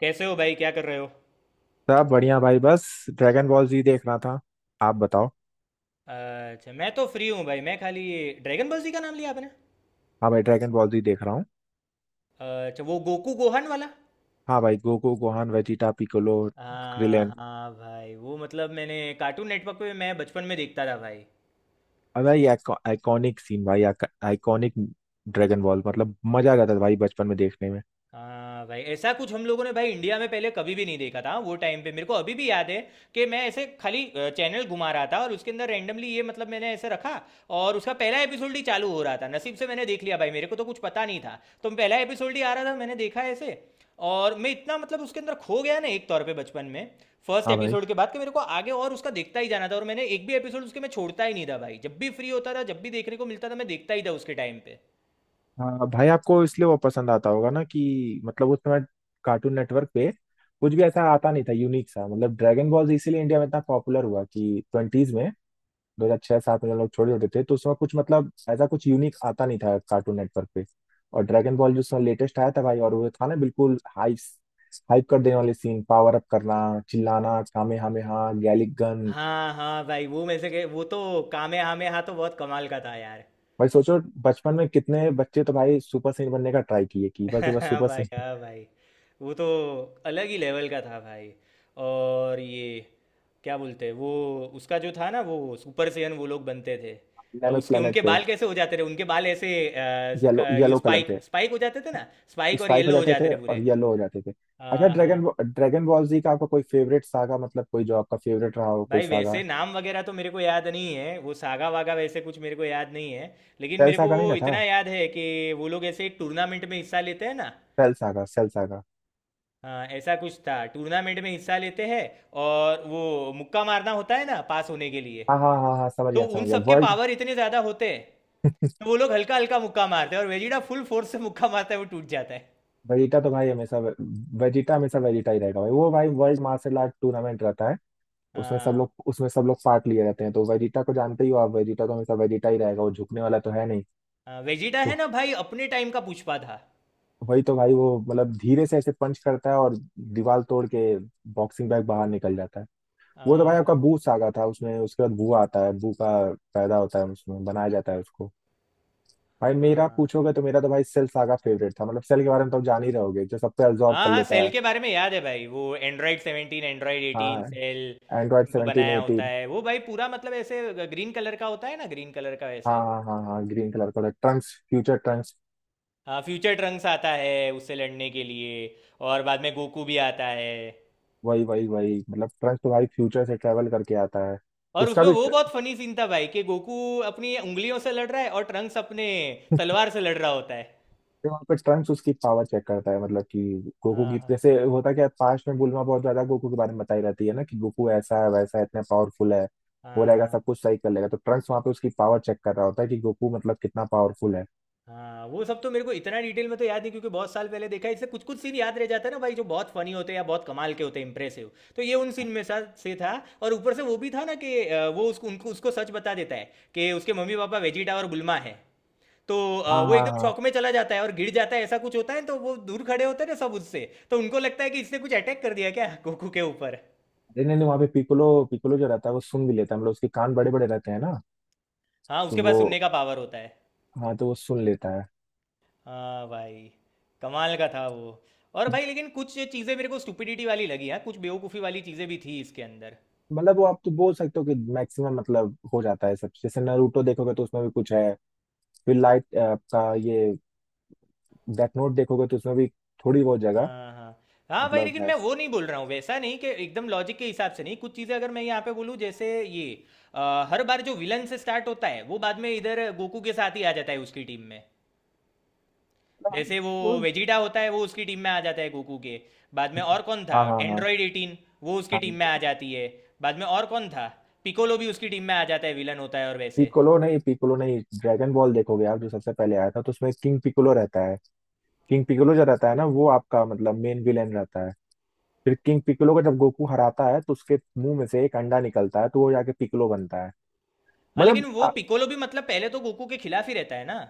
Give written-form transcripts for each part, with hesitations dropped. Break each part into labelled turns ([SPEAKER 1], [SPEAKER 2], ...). [SPEAKER 1] कैसे हो भाई, क्या कर रहे हो।
[SPEAKER 2] सब बढ़िया भाई, बस ड्रैगन बॉल जी देख रहा था। आप बताओ।
[SPEAKER 1] अच्छा, मैं तो फ्री हूँ भाई। मैं खाली ये ड्रैगन बॉल जी का नाम लिया आपने।
[SPEAKER 2] हाँ भाई, ड्रैगन बॉल जी देख रहा हूँ।
[SPEAKER 1] अच्छा, वो गोकू गोहन वाला।
[SPEAKER 2] हाँ भाई, गोकू गोहान वेजिटा पिकोलो
[SPEAKER 1] हाँ
[SPEAKER 2] क्रिलेन।
[SPEAKER 1] हाँ भाई, वो मैंने कार्टून नेटवर्क पे मैं बचपन में देखता था भाई।
[SPEAKER 2] अब भाई आइकॉनिक सीन भाई, आइकॉनिक। ड्रैगन बॉल मतलब मजा आ जाता था भाई बचपन में देखने में।
[SPEAKER 1] हाँ भाई, ऐसा कुछ हम लोगों ने भाई इंडिया में पहले कभी भी नहीं देखा था। वो टाइम पे मेरे को अभी भी याद है कि मैं ऐसे खाली चैनल घुमा रहा था और उसके अंदर रैंडमली ये मैंने ऐसे रखा। और उसका पहला एपिसोड ही चालू हो रहा था। नसीब से मैंने देख लिया भाई। मेरे को तो कुछ पता नहीं था, तो पहला एपिसोड ही आ रहा था, मैंने देखा ऐसे। और मैं इतना उसके अंदर खो गया ना एक तौर पे बचपन में, फर्स्ट
[SPEAKER 2] हाँ भाई,
[SPEAKER 1] एपिसोड के बाद, कि मेरे को आगे और उसका देखता ही जाना था। और मैंने एक भी एपिसोड उसके मैं छोड़ता ही नहीं था भाई। जब भी फ्री होता था, जब भी देखने को मिलता था, मैं देखता ही था उसके टाइम पे।
[SPEAKER 2] हाँ भाई, आपको इसलिए वो पसंद आता होगा ना कि मतलब उस समय कार्टून नेटवर्क पे कुछ भी ऐसा आता नहीं था यूनिक सा। मतलब ड्रैगन बॉल जी इसीलिए इंडिया में इतना पॉपुलर हुआ कि ट्वेंटीज में, दो हजार छह सात में, जब लोग छोड़ देते थे तो उसमें कुछ मतलब ऐसा कुछ यूनिक आता नहीं था कार्टून नेटवर्क पे। और ड्रैगन बॉल जो उसमें लेटेस्ट आया था भाई, और वो था ना बिल्कुल हाइप। हाइप कर देने वाले सीन, पावर अप करना, चिल्लाना, कामे हामे हा, गैलिक गन।
[SPEAKER 1] हाँ हाँ भाई, वो वो तो कामे हामे हाँ तो बहुत कमाल का था यार।
[SPEAKER 2] भाई सोचो बचपन में कितने बच्चे तो भाई सुपर सैयन बनने का ट्राई किए कि बस एक बार
[SPEAKER 1] हाँ
[SPEAKER 2] सुपर
[SPEAKER 1] भाई,
[SPEAKER 2] सैयन।
[SPEAKER 1] हाँ भाई, वो तो अलग ही लेवल का था भाई। और ये क्या बोलते हैं वो, उसका जो था ना, वो सुपर सेयन वो लोग बनते थे।
[SPEAKER 2] डायनामिक
[SPEAKER 1] उसके
[SPEAKER 2] प्लेनेट
[SPEAKER 1] उनके
[SPEAKER 2] पे।
[SPEAKER 1] बाल कैसे हो जाते थे, उनके बाल ऐसे
[SPEAKER 2] येलो
[SPEAKER 1] ये
[SPEAKER 2] येलो कलर
[SPEAKER 1] स्पाइक
[SPEAKER 2] के।
[SPEAKER 1] स्पाइक हो जाते थे ना। स्पाइक और
[SPEAKER 2] स्पाइक हो
[SPEAKER 1] येलो हो
[SPEAKER 2] जाते थे
[SPEAKER 1] जाते थे पूरे।
[SPEAKER 2] और येलो हो जाते थे। अच्छा
[SPEAKER 1] हाँ हाँ।
[SPEAKER 2] ड्रैगन, ड्रैगन बॉल जी का आपका कोई फेवरेट सागा, मतलब कोई जो आपका फेवरेट रहा हो कोई
[SPEAKER 1] भाई
[SPEAKER 2] सागा।
[SPEAKER 1] वैसे नाम वगैरह तो मेरे को याद नहीं है। वो सागा वागा वैसे कुछ मेरे को याद नहीं है, लेकिन
[SPEAKER 2] ट्वेल्व
[SPEAKER 1] मेरे को
[SPEAKER 2] सागा नहीं
[SPEAKER 1] वो
[SPEAKER 2] ना था।
[SPEAKER 1] इतना याद है कि वो लोग ऐसे एक टूर्नामेंट में हिस्सा लेते हैं ना।
[SPEAKER 2] Cell saga, Cell saga.
[SPEAKER 1] हाँ, ऐसा कुछ था, टूर्नामेंट में हिस्सा लेते हैं। और वो मुक्का मारना होता है ना पास होने के लिए।
[SPEAKER 2] हाँ हाँ हाँ हाँ, समझ
[SPEAKER 1] तो
[SPEAKER 2] गया
[SPEAKER 1] उन
[SPEAKER 2] समझ गया,
[SPEAKER 1] सबके
[SPEAKER 2] वर्ल्ड।
[SPEAKER 1] पावर इतने ज़्यादा होते हैं, तो वो लोग हल्का हल्का मुक्का मारते हैं, और वेजिटा फुल फोर्स से मुक्का मारता है, वो टूट जाता है।
[SPEAKER 2] वेजिटा तो भाई हमेशा, वेजिटा हमेशा वेजिटा ही रहेगा भाई। वो भाई वर्ल्ड मार्शल आर्ट टूर्नामेंट रहता है। उसमें सब
[SPEAKER 1] हाँ।
[SPEAKER 2] लोग उसमें सब लोग पार्ट लिए रहते हैं तो वेजिटा को जानते ही हो आप, वेजिटा तो हमेशा वेजिटा ही रहेगा, वो झुकने वाला तो है नहीं।
[SPEAKER 1] हाँ, वेजिटा
[SPEAKER 2] तो
[SPEAKER 1] है ना भाई, अपने टाइम का पुष्पा था।
[SPEAKER 2] वही तो भाई, वो मतलब धीरे से ऐसे पंच करता है और दीवार तोड़ के बॉक्सिंग बैग बाहर निकल जाता है। वो तो भाई आपका
[SPEAKER 1] हाँ
[SPEAKER 2] बू सागा था, उसमें उसके बाद बू आता है, बू का पैदा होता है, उसमें बनाया जाता है उसको। भाई मेरा
[SPEAKER 1] हाँ
[SPEAKER 2] पूछोगे तो मेरा तो भाई सेल सागा फेवरेट था। मतलब सेल के बारे में तो आप जान ही रहोगे, जो सब पे absorb
[SPEAKER 1] हाँ
[SPEAKER 2] कर
[SPEAKER 1] हाँ।
[SPEAKER 2] लेता
[SPEAKER 1] सेल
[SPEAKER 2] है।
[SPEAKER 1] के बारे में याद है भाई, वो एंड्रॉयड 17, एंड्रॉयड 18,
[SPEAKER 2] हाँ।
[SPEAKER 1] सेल।
[SPEAKER 2] एंड्रॉइड
[SPEAKER 1] उनको
[SPEAKER 2] 17
[SPEAKER 1] बनाया होता
[SPEAKER 2] 18।
[SPEAKER 1] है वो भाई। पूरा मतलब ऐसे ग्रीन कलर का होता है ना, ग्रीन कलर का
[SPEAKER 2] हाँ
[SPEAKER 1] वैसे।
[SPEAKER 2] हाँ हाँ हाँ, ग्रीन कलर का ट्रंक्स, फ्यूचर ट्रंक्स।
[SPEAKER 1] हाँ, फ्यूचर ट्रंक्स आता है उससे लड़ने के लिए, और बाद में गोकू भी आता है।
[SPEAKER 2] वही वही वही मतलब ट्रंक्स तो भाई फ्यूचर से ट्रेवल करके आता है।
[SPEAKER 1] और
[SPEAKER 2] उसका
[SPEAKER 1] उसमें
[SPEAKER 2] भी
[SPEAKER 1] वो बहुत
[SPEAKER 2] tr-
[SPEAKER 1] फनी सीन था भाई कि गोकू अपनी उंगलियों से लड़ रहा है और ट्रंक्स अपने तलवार से लड़ रहा होता है।
[SPEAKER 2] वहाँ पे ट्रंक्स उसकी पावर चेक करता है, मतलब कि गोकू
[SPEAKER 1] हाँ
[SPEAKER 2] की।
[SPEAKER 1] हाँ
[SPEAKER 2] जैसे होता क्या है, पास्ट में बुल्मा बहुत ज्यादा गोकू के बारे में बताई रहती है ना कि गोकू ऐसा है वैसा है इतना पावरफुल है, हो
[SPEAKER 1] हाँ
[SPEAKER 2] रहेगा
[SPEAKER 1] हाँ।
[SPEAKER 2] सब कुछ सही कर लेगा। तो ट्रंक्स वहाँ पे उसकी पावर चेक कर रहा होता है कि गोकू मतलब कितना पावरफुल है।
[SPEAKER 1] हाँ, वो सब तो मेरे को इतना डिटेल में तो याद नहीं, क्योंकि बहुत साल पहले देखा है। इससे कुछ कुछ सीन याद रह जाता है ना भाई, जो बहुत फनी होते हैं या बहुत कमाल के होते हैं, इंप्रेसिव। तो ये उन सीन में से था। और ऊपर से वो भी था ना कि वो उसको सच बता देता है कि उसके मम्मी पापा वेजिटा और गुल्मा है। तो
[SPEAKER 2] हाँ
[SPEAKER 1] वो
[SPEAKER 2] हाँ
[SPEAKER 1] एकदम
[SPEAKER 2] हाँ।
[SPEAKER 1] शॉक में चला जाता है और गिर जाता है, ऐसा कुछ होता है। तो वो दूर खड़े होते हैं ना सब उससे, तो उनको लगता है कि इसने कुछ अटैक कर दिया क्या गोकू के ऊपर।
[SPEAKER 2] नहीं नहीं नहीं, वहाँ पे पिकोलो पिकोलो जो रहता है वो सुन भी लेता है, मतलब उसके कान बड़े बड़े रहते हैं ना।
[SPEAKER 1] हाँ,
[SPEAKER 2] तो
[SPEAKER 1] उसके
[SPEAKER 2] वो
[SPEAKER 1] पास सुनने का पावर होता है।
[SPEAKER 2] हाँ, तो वो सुन लेता है।
[SPEAKER 1] हाँ भाई, कमाल का था वो। और भाई, लेकिन कुछ चीज़ें मेरे को स्टुपिडिटी वाली लगी। हाँ, कुछ बेवकूफ़ी वाली चीज़ें भी थी इसके अंदर।
[SPEAKER 2] मतलब वो आप तो बोल सकते हो कि मैक्सिमम मतलब हो जाता है सब। जैसे नारुतो देखोगे तो उसमें भी कुछ है, फिर लाइट आपका ये डेथ नोट देखोगे तो उसमें भी थोड़ी बहुत जगह,
[SPEAKER 1] हाँ हाँ। हाँ भाई,
[SPEAKER 2] मतलब
[SPEAKER 1] लेकिन
[SPEAKER 2] है।
[SPEAKER 1] मैं वो नहीं बोल रहा हूँ, वैसा नहीं कि एकदम लॉजिक के हिसाब से नहीं। कुछ चीज़ें अगर मैं यहाँ पे बोलूँ, जैसे ये हर बार जो विलन से स्टार्ट होता है, वो बाद में इधर गोकू के साथ ही आ जाता है उसकी टीम में।
[SPEAKER 2] मतलब हाँ।
[SPEAKER 1] जैसे वो
[SPEAKER 2] वो-
[SPEAKER 1] वेजिटा होता है, वो उसकी टीम में आ जाता है गोकू के बाद में। और कौन था,
[SPEAKER 2] हाँ हाँ हाँ
[SPEAKER 1] एंड्रॉयड 18, वो उसकी
[SPEAKER 2] हाँ।
[SPEAKER 1] टीम में आ जाती है बाद में। और कौन था, पिकोलो भी उसकी टीम में आ जाता है, विलन होता है और वैसे।
[SPEAKER 2] पिकोलो नहीं, ड्रैगन बॉल देखोगे आप, जो सबसे पहले आया था, तो उसमें किंग पिकोलो रहता है। किंग पिकोलो जो रहता है ना, वो आपका मतलब मेन विलेन रहता है। फिर किंग पिक्कोलो को जब गोकू हराता है तो उसके मुंह में से एक अंडा निकलता है, तो वो जाके पिक्कोलो बनता है।
[SPEAKER 1] हाँ, लेकिन
[SPEAKER 2] मतलब
[SPEAKER 1] वो
[SPEAKER 2] आ-
[SPEAKER 1] पिकोलो भी मतलब पहले तो गोकू के खिलाफ ही रहता है ना।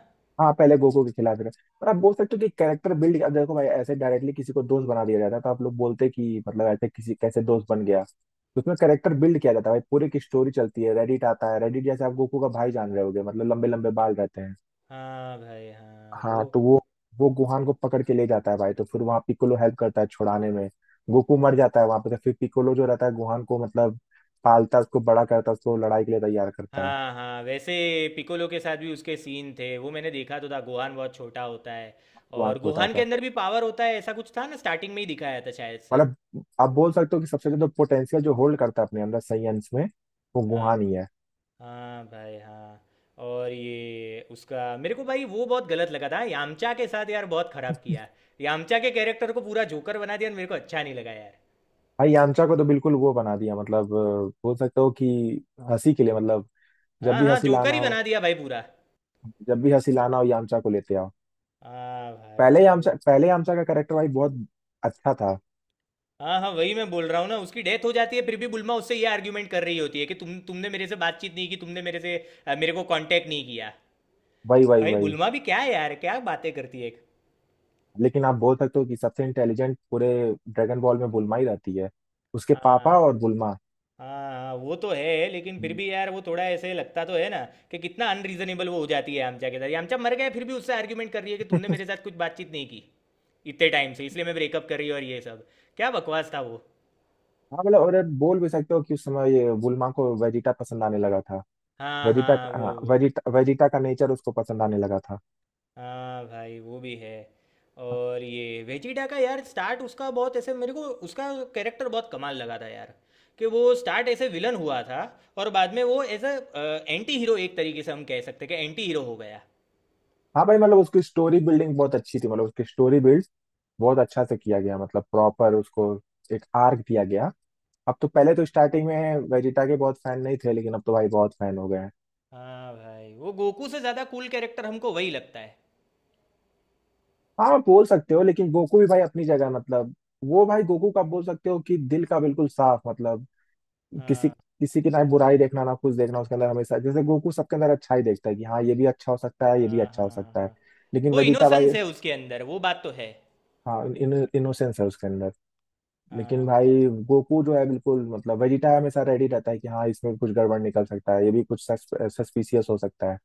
[SPEAKER 2] हाँ पहले गोकू के खिलाफ रहे, पर आप बोल सकते हो कि कैरेक्टर बिल्ड। अब देखो भाई ऐसे डायरेक्टली किसी को दोस्त बना दिया जाता है तो आप लोग बोलते कि मतलब ऐसे किसी कैसे दोस्त बन गया, तो उसमें कैरेक्टर बिल्ड किया जाता है भाई, पूरी की स्टोरी चलती है। रेडिट आता है, रेडिट जैसे आप गोकू का भाई जान रहे होगे, मतलब लंबे लंबे बाल रहते हैं।
[SPEAKER 1] हाँ भाई, हाँ वो।
[SPEAKER 2] हाँ तो वो गुहान को पकड़ के ले जाता है भाई, तो फिर वहाँ पिकोलो हेल्प करता है छुड़ाने में। गोकू मर जाता है वहां पे, तो फिर पिकोलो जो रहता है गुहान को मतलब पालता है, उसको बड़ा करता है, उसको लड़ाई के लिए तैयार करता है।
[SPEAKER 1] हाँ हाँ, वैसे पिकोलो के साथ भी उसके सीन थे, वो मैंने देखा तो था। गोहान बहुत छोटा होता है,
[SPEAKER 2] गुहान
[SPEAKER 1] और
[SPEAKER 2] छोटा
[SPEAKER 1] गोहान
[SPEAKER 2] होता
[SPEAKER 1] के
[SPEAKER 2] है।
[SPEAKER 1] अंदर भी पावर होता है, ऐसा कुछ था ना स्टार्टिंग में ही दिखाया था शायद से।
[SPEAKER 2] मतलब आप बोल सकते हो कि सबसे ज्यादा पोटेंशियल जो होल्ड करता है अपने अंदर सही अंश में, वो
[SPEAKER 1] हाँ
[SPEAKER 2] गुहान ही है।
[SPEAKER 1] हाँ भाई, हाँ। और ये उसका मेरे को भाई वो बहुत गलत लगा था यामचा के साथ यार, बहुत खराब किया। यामचा के कैरेक्टर को पूरा जोकर बना दिया, और मेरे को अच्छा नहीं लगा यार।
[SPEAKER 2] भाई यामचा को तो बिल्कुल वो बना दिया, मतलब बोल सकते हो कि हंसी के लिए, मतलब जब
[SPEAKER 1] हाँ
[SPEAKER 2] भी
[SPEAKER 1] हाँ,
[SPEAKER 2] हंसी
[SPEAKER 1] जोकर
[SPEAKER 2] लाना
[SPEAKER 1] ही
[SPEAKER 2] हो,
[SPEAKER 1] बना दिया भाई पूरा।
[SPEAKER 2] जब भी हंसी लाना हो यामचा को लेते आओ।
[SPEAKER 1] हाँ
[SPEAKER 2] पहले यामचा
[SPEAKER 1] भाई।
[SPEAKER 2] पहले यामचा का कैरेक्टर भाई बहुत अच्छा था।
[SPEAKER 1] हाँ हाँ, वही मैं बोल रहा हूँ ना, उसकी डेथ हो जाती है, फिर भी बुलमा उससे ये आर्ग्यूमेंट कर रही होती है कि तुमने मेरे से बातचीत नहीं की, तुमने मेरे से मेरे को कांटेक्ट नहीं किया।
[SPEAKER 2] वही वही
[SPEAKER 1] भाई
[SPEAKER 2] वही।
[SPEAKER 1] बुलमा भी क्या है यार, क्या बातें करती है।
[SPEAKER 2] लेकिन आप बोल सकते हो कि सबसे इंटेलिजेंट पूरे ड्रैगन बॉल में बुल्मा ही रहती है, उसके
[SPEAKER 1] हाँ।
[SPEAKER 2] पापा और बुल्मा।
[SPEAKER 1] हाँ, हाँ, वो तो है, लेकिन फिर
[SPEAKER 2] हम्म।
[SPEAKER 1] भी यार वो थोड़ा ऐसे लगता तो है ना कि कितना अनरीजनेबल वो हो जाती है आमचा के साथ। ये आमचा मर गया, फिर भी उससे आर्ग्यूमेंट कर रही है कि तुमने मेरे साथ कुछ बातचीत नहीं की इतने टाइम से, इसलिए मैं ब्रेकअप कर रही हूँ और ये सब। क्या बकवास था वो।
[SPEAKER 2] हाँ मतलब और बोल भी सकते हो कि उस समय ये बुल्मा को वेजिटा पसंद आने लगा था।
[SPEAKER 1] हाँ
[SPEAKER 2] वेजिटा,
[SPEAKER 1] हाँ,
[SPEAKER 2] हाँ
[SPEAKER 1] वो।
[SPEAKER 2] वेजिटा, वेजिटा का नेचर उसको पसंद आने लगा था।
[SPEAKER 1] हाँ भाई, वो भी है। और ये वेजिटा का यार स्टार्ट, उसका बहुत ऐसे मेरे को उसका कैरेक्टर बहुत कमाल लगा था यार। कि वो स्टार्ट ऐसे विलन हुआ था, और बाद में वो एज अ एंटी हीरो, एक तरीके से हम कह सकते हैं कि एंटी हीरो हो गया।
[SPEAKER 2] हाँ भाई, मतलब उसकी स्टोरी बिल्डिंग बहुत अच्छी थी। मतलब उसकी स्टोरी बिल्ड बहुत अच्छा से किया गया, मतलब प्रॉपर उसको एक आर्क दिया गया। अब तो, पहले तो स्टार्टिंग में वेजिटा के बहुत फैन नहीं थे, लेकिन अब तो भाई बहुत फैन हो गए हैं।
[SPEAKER 1] हाँ भाई, वो गोकू से ज़्यादा कूल कैरेक्टर हमको वही लगता है।
[SPEAKER 2] हाँ बोल सकते हो, लेकिन गोकू भी भाई अपनी जगह मतलब, वो भाई गोकू का बोल सकते हो कि दिल का बिल्कुल साफ। मतलब किसी, किसी की ना बुराई देखना ना कुछ देखना उसके अंदर, हमेशा जैसे गोकू सबके अंदर अच्छा ही देखता है कि हाँ ये भी अच्छा हो सकता है, ये भी
[SPEAKER 1] हाँ
[SPEAKER 2] अच्छा हो
[SPEAKER 1] हाँ
[SPEAKER 2] सकता है।
[SPEAKER 1] हाँ।
[SPEAKER 2] लेकिन
[SPEAKER 1] वो
[SPEAKER 2] वेजिटा भाई,
[SPEAKER 1] इनोसेंस है उसके अंदर, वो बात तो है।
[SPEAKER 2] हाँ इनोसेंस है उसके अंदर। लेकिन
[SPEAKER 1] हाँ।
[SPEAKER 2] भाई गोकू जो है बिल्कुल, मतलब वेजिटा हमेशा रेडी रहता है कि हाँ इसमें कुछ गड़बड़ निकल सकता है, ये भी कुछ सस्पिशियस हो सकता है।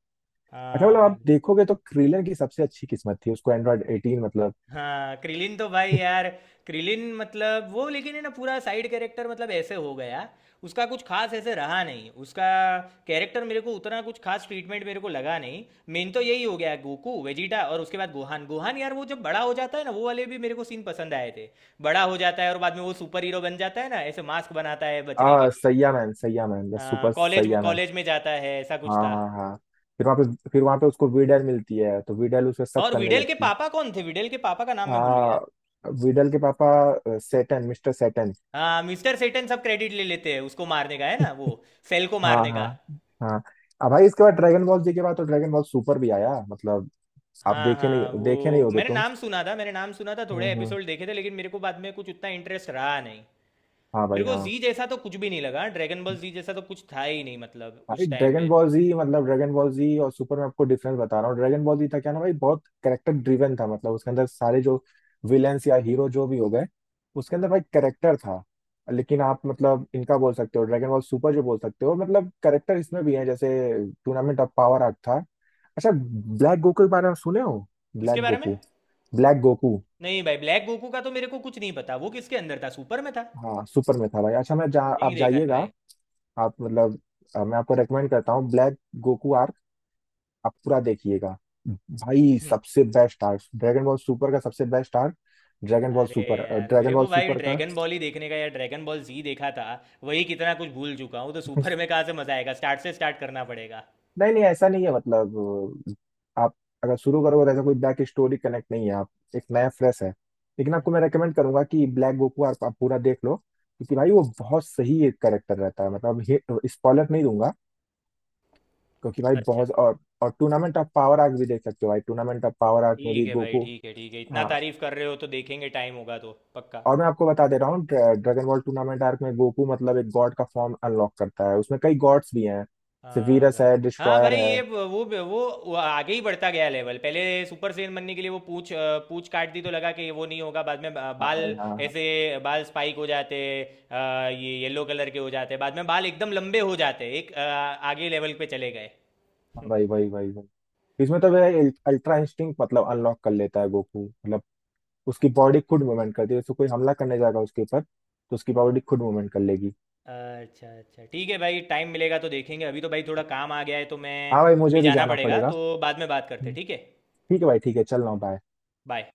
[SPEAKER 2] अच्छा मतलब आप
[SPEAKER 1] हाँ
[SPEAKER 2] देखोगे तो क्रीलन की सबसे अच्छी किस्मत थी, उसको एंड्रॉयड एटीन मतलब।
[SPEAKER 1] हाँ। क्रिलिन तो भाई यार, क्रिलिन मतलब वो लेकिन है ना पूरा साइड कैरेक्टर, मतलब ऐसे हो गया। उसका कुछ खास ऐसे रहा नहीं, उसका कैरेक्टर मेरे को उतना कुछ खास ट्रीटमेंट मेरे को लगा नहीं। मेन तो यही हो गया गोकू वेजिटा, और उसके बाद गोहान। गोहान यार, वो जब बड़ा हो जाता है ना, वो वाले भी मेरे को सीन पसंद आए थे। बड़ा हो जाता है और बाद में वो सुपर हीरो बन जाता है ना, ऐसे मास्क बनाता है बचने के लिए।
[SPEAKER 2] Saiyaman, Saiyaman, the
[SPEAKER 1] हाँ,
[SPEAKER 2] super
[SPEAKER 1] college
[SPEAKER 2] Saiyaman.
[SPEAKER 1] College में जाता है, ऐसा कुछ
[SPEAKER 2] हाँ
[SPEAKER 1] था।
[SPEAKER 2] हाँ हाँ। फिर वहाँ पे, फिर वहाँ पे उसको वीडल मिलती है, तो वीडल उस पे शक
[SPEAKER 1] और
[SPEAKER 2] करने
[SPEAKER 1] विडेल के
[SPEAKER 2] लगती है।
[SPEAKER 1] पापा कौन थे, विडेल के पापा का नाम मैं भूल गया।
[SPEAKER 2] हाँ वीडल के पापा, सेटन, मिस्टर सेटन।
[SPEAKER 1] हाँ, मिस्टर सेटन। सब क्रेडिट ले लेते हैं उसको मारने का है ना, वो सेल को
[SPEAKER 2] हाँ
[SPEAKER 1] मारने
[SPEAKER 2] हाँ
[SPEAKER 1] का।
[SPEAKER 2] हाँ। अब भाई इसके बाद, ड्रैगन बॉल जी के बाद तो ड्रैगन बॉल सुपर भी आया, मतलब आप
[SPEAKER 1] हाँ
[SPEAKER 2] देखे
[SPEAKER 1] हाँ।
[SPEAKER 2] नहीं,
[SPEAKER 1] वो
[SPEAKER 2] देखे नहीं होगे
[SPEAKER 1] मैंने
[SPEAKER 2] तुम।
[SPEAKER 1] नाम सुना था, मैंने नाम सुना था, थोड़े
[SPEAKER 2] हम्म।
[SPEAKER 1] एपिसोड देखे थे, लेकिन मेरे को बाद में कुछ उतना इंटरेस्ट रहा नहीं।
[SPEAKER 2] हाँ
[SPEAKER 1] मेरे
[SPEAKER 2] भाई।
[SPEAKER 1] को
[SPEAKER 2] हाँ
[SPEAKER 1] जी जैसा तो कुछ भी नहीं लगा। ड्रैगन बॉल जी जैसा तो कुछ था ही नहीं मतलब
[SPEAKER 2] भाई,
[SPEAKER 1] उस टाइम
[SPEAKER 2] ड्रैगन
[SPEAKER 1] पे।
[SPEAKER 2] बॉल जी मतलब ड्रैगन बॉल जी और सुपर में आपको डिफरेंस बता रहा हूँ। ड्रैगन बॉल जी था क्या ना भाई, बहुत कैरेक्टर ड्रिवन था, मतलब उसके अंदर सारे जो विलेंस या हीरो जो भी हो गए, उसके अंदर भाई कैरेक्टर था। लेकिन आप मतलब इनका बोल सकते हो ड्रैगन बॉल सुपर, जो बोल सकते हो मतलब कैरेक्टर इसमें भी है, जैसे टूर्नामेंट ऑफ पावर आर्ट था। अच्छा ब्लैक गोकू के बारे में सुने हो,
[SPEAKER 1] किसके
[SPEAKER 2] ब्लैक
[SPEAKER 1] बारे में।
[SPEAKER 2] गोकू। Black Goku.
[SPEAKER 1] नहीं भाई, ब्लैक गोकू का तो मेरे को कुछ नहीं पता। वो किसके अंदर था, सुपर में था।
[SPEAKER 2] हाँ सुपर में था भाई। अच्छा मैं
[SPEAKER 1] नहीं
[SPEAKER 2] आप
[SPEAKER 1] देखा है
[SPEAKER 2] जाइएगा।
[SPEAKER 1] भाई।
[SPEAKER 2] आप मतलब, मैं आपको रेकमेंड करता हूँ, ब्लैक गोकू आप पूरा देखिएगा। भाई
[SPEAKER 1] हम्म,
[SPEAKER 2] सबसे best arc, Dragon Ball Super का सबसे बेस्ट आर्क। ड्रैगन बॉल
[SPEAKER 1] अरे
[SPEAKER 2] सुपर,
[SPEAKER 1] यार,
[SPEAKER 2] ड्रैगन
[SPEAKER 1] मेरे
[SPEAKER 2] बॉल
[SPEAKER 1] को भाई
[SPEAKER 2] सुपर का
[SPEAKER 1] ड्रैगन बॉल ही देखने का यार, ड्रैगन बॉल जी देखा था, वही कितना कुछ भूल चुका हूँ। तो सुपर में कहाँ से मजा आएगा, स्टार्ट से स्टार्ट करना पड़ेगा।
[SPEAKER 2] नहीं नहीं ऐसा नहीं है, मतलब आप अगर शुरू करोगे तो ऐसा कोई बैक स्टोरी कनेक्ट नहीं है, आप एक नया फ्रेश है। लेकिन आपको मैं रेकमेंड करूंगा कि ब्लैक गोकू आप पूरा देख लो, क्योंकि
[SPEAKER 1] हम्म।
[SPEAKER 2] भाई
[SPEAKER 1] हम्म।
[SPEAKER 2] वो बहुत सही एक करेक्टर रहता है, मतलब स्पॉइलर नहीं दूंगा। क्योंकि भाई
[SPEAKER 1] अच्छा
[SPEAKER 2] बहुत, और टूर्नामेंट ऑफ पावर आर्क भी देख सकते हो भाई, टूर्नामेंट ऑफ पावर आर्क में
[SPEAKER 1] ठीक
[SPEAKER 2] भी
[SPEAKER 1] है भाई,
[SPEAKER 2] गोकू।
[SPEAKER 1] ठीक है ठीक है, इतना तारीफ कर रहे हो तो देखेंगे, टाइम होगा तो पक्का।
[SPEAKER 2] और मैं आपको बता दे रहा हूँ, ड्रैगन बॉल टूर्नामेंट आर्क में गोकू मतलब एक गॉड का फॉर्म अनलॉक करता है, उसमें कई गॉड्स भी हैं,
[SPEAKER 1] हाँ
[SPEAKER 2] सेवियरस
[SPEAKER 1] भाई,
[SPEAKER 2] है,
[SPEAKER 1] हाँ
[SPEAKER 2] डिस्ट्रॉयर
[SPEAKER 1] भाई।
[SPEAKER 2] है।
[SPEAKER 1] वो आगे ही बढ़ता गया लेवल। पहले सुपर सैयन बनने के लिए वो पूछ काट दी, तो लगा कि वो नहीं होगा। बाद में
[SPEAKER 2] हाँ भाई
[SPEAKER 1] बाल
[SPEAKER 2] हाँ हाँ।
[SPEAKER 1] ऐसे, बाल स्पाइक हो जाते, अ, ये येलो कलर के हो जाते। बाद में बाल एकदम लंबे हो जाते, एक आगे लेवल पे चले गए।
[SPEAKER 2] हाँ
[SPEAKER 1] हम्म।
[SPEAKER 2] भाई भाई भाई भाई। इसमें तो वह अल्ट्रा इंस्टिंक्ट मतलब अनलॉक कर लेता है गोकू, मतलब उसकी बॉडी खुद मूवमेंट करती है, तो कोई हमला करने जाएगा उसके ऊपर तो उसकी
[SPEAKER 1] हम्म।
[SPEAKER 2] बॉडी खुद मूवमेंट कर लेगी।
[SPEAKER 1] अच्छा अच्छा, ठीक है भाई, टाइम मिलेगा तो देखेंगे। अभी तो भाई थोड़ा काम आ गया है तो मैं,
[SPEAKER 2] हाँ भाई,
[SPEAKER 1] अभी
[SPEAKER 2] मुझे भी
[SPEAKER 1] जाना
[SPEAKER 2] जाना
[SPEAKER 1] पड़ेगा
[SPEAKER 2] पड़ेगा।
[SPEAKER 1] तो बाद में बात करते हैं,
[SPEAKER 2] हम्म।
[SPEAKER 1] ठीक है।
[SPEAKER 2] ठीक है भाई, ठीक है, चल रहा हूँ, बाय।
[SPEAKER 1] बाय।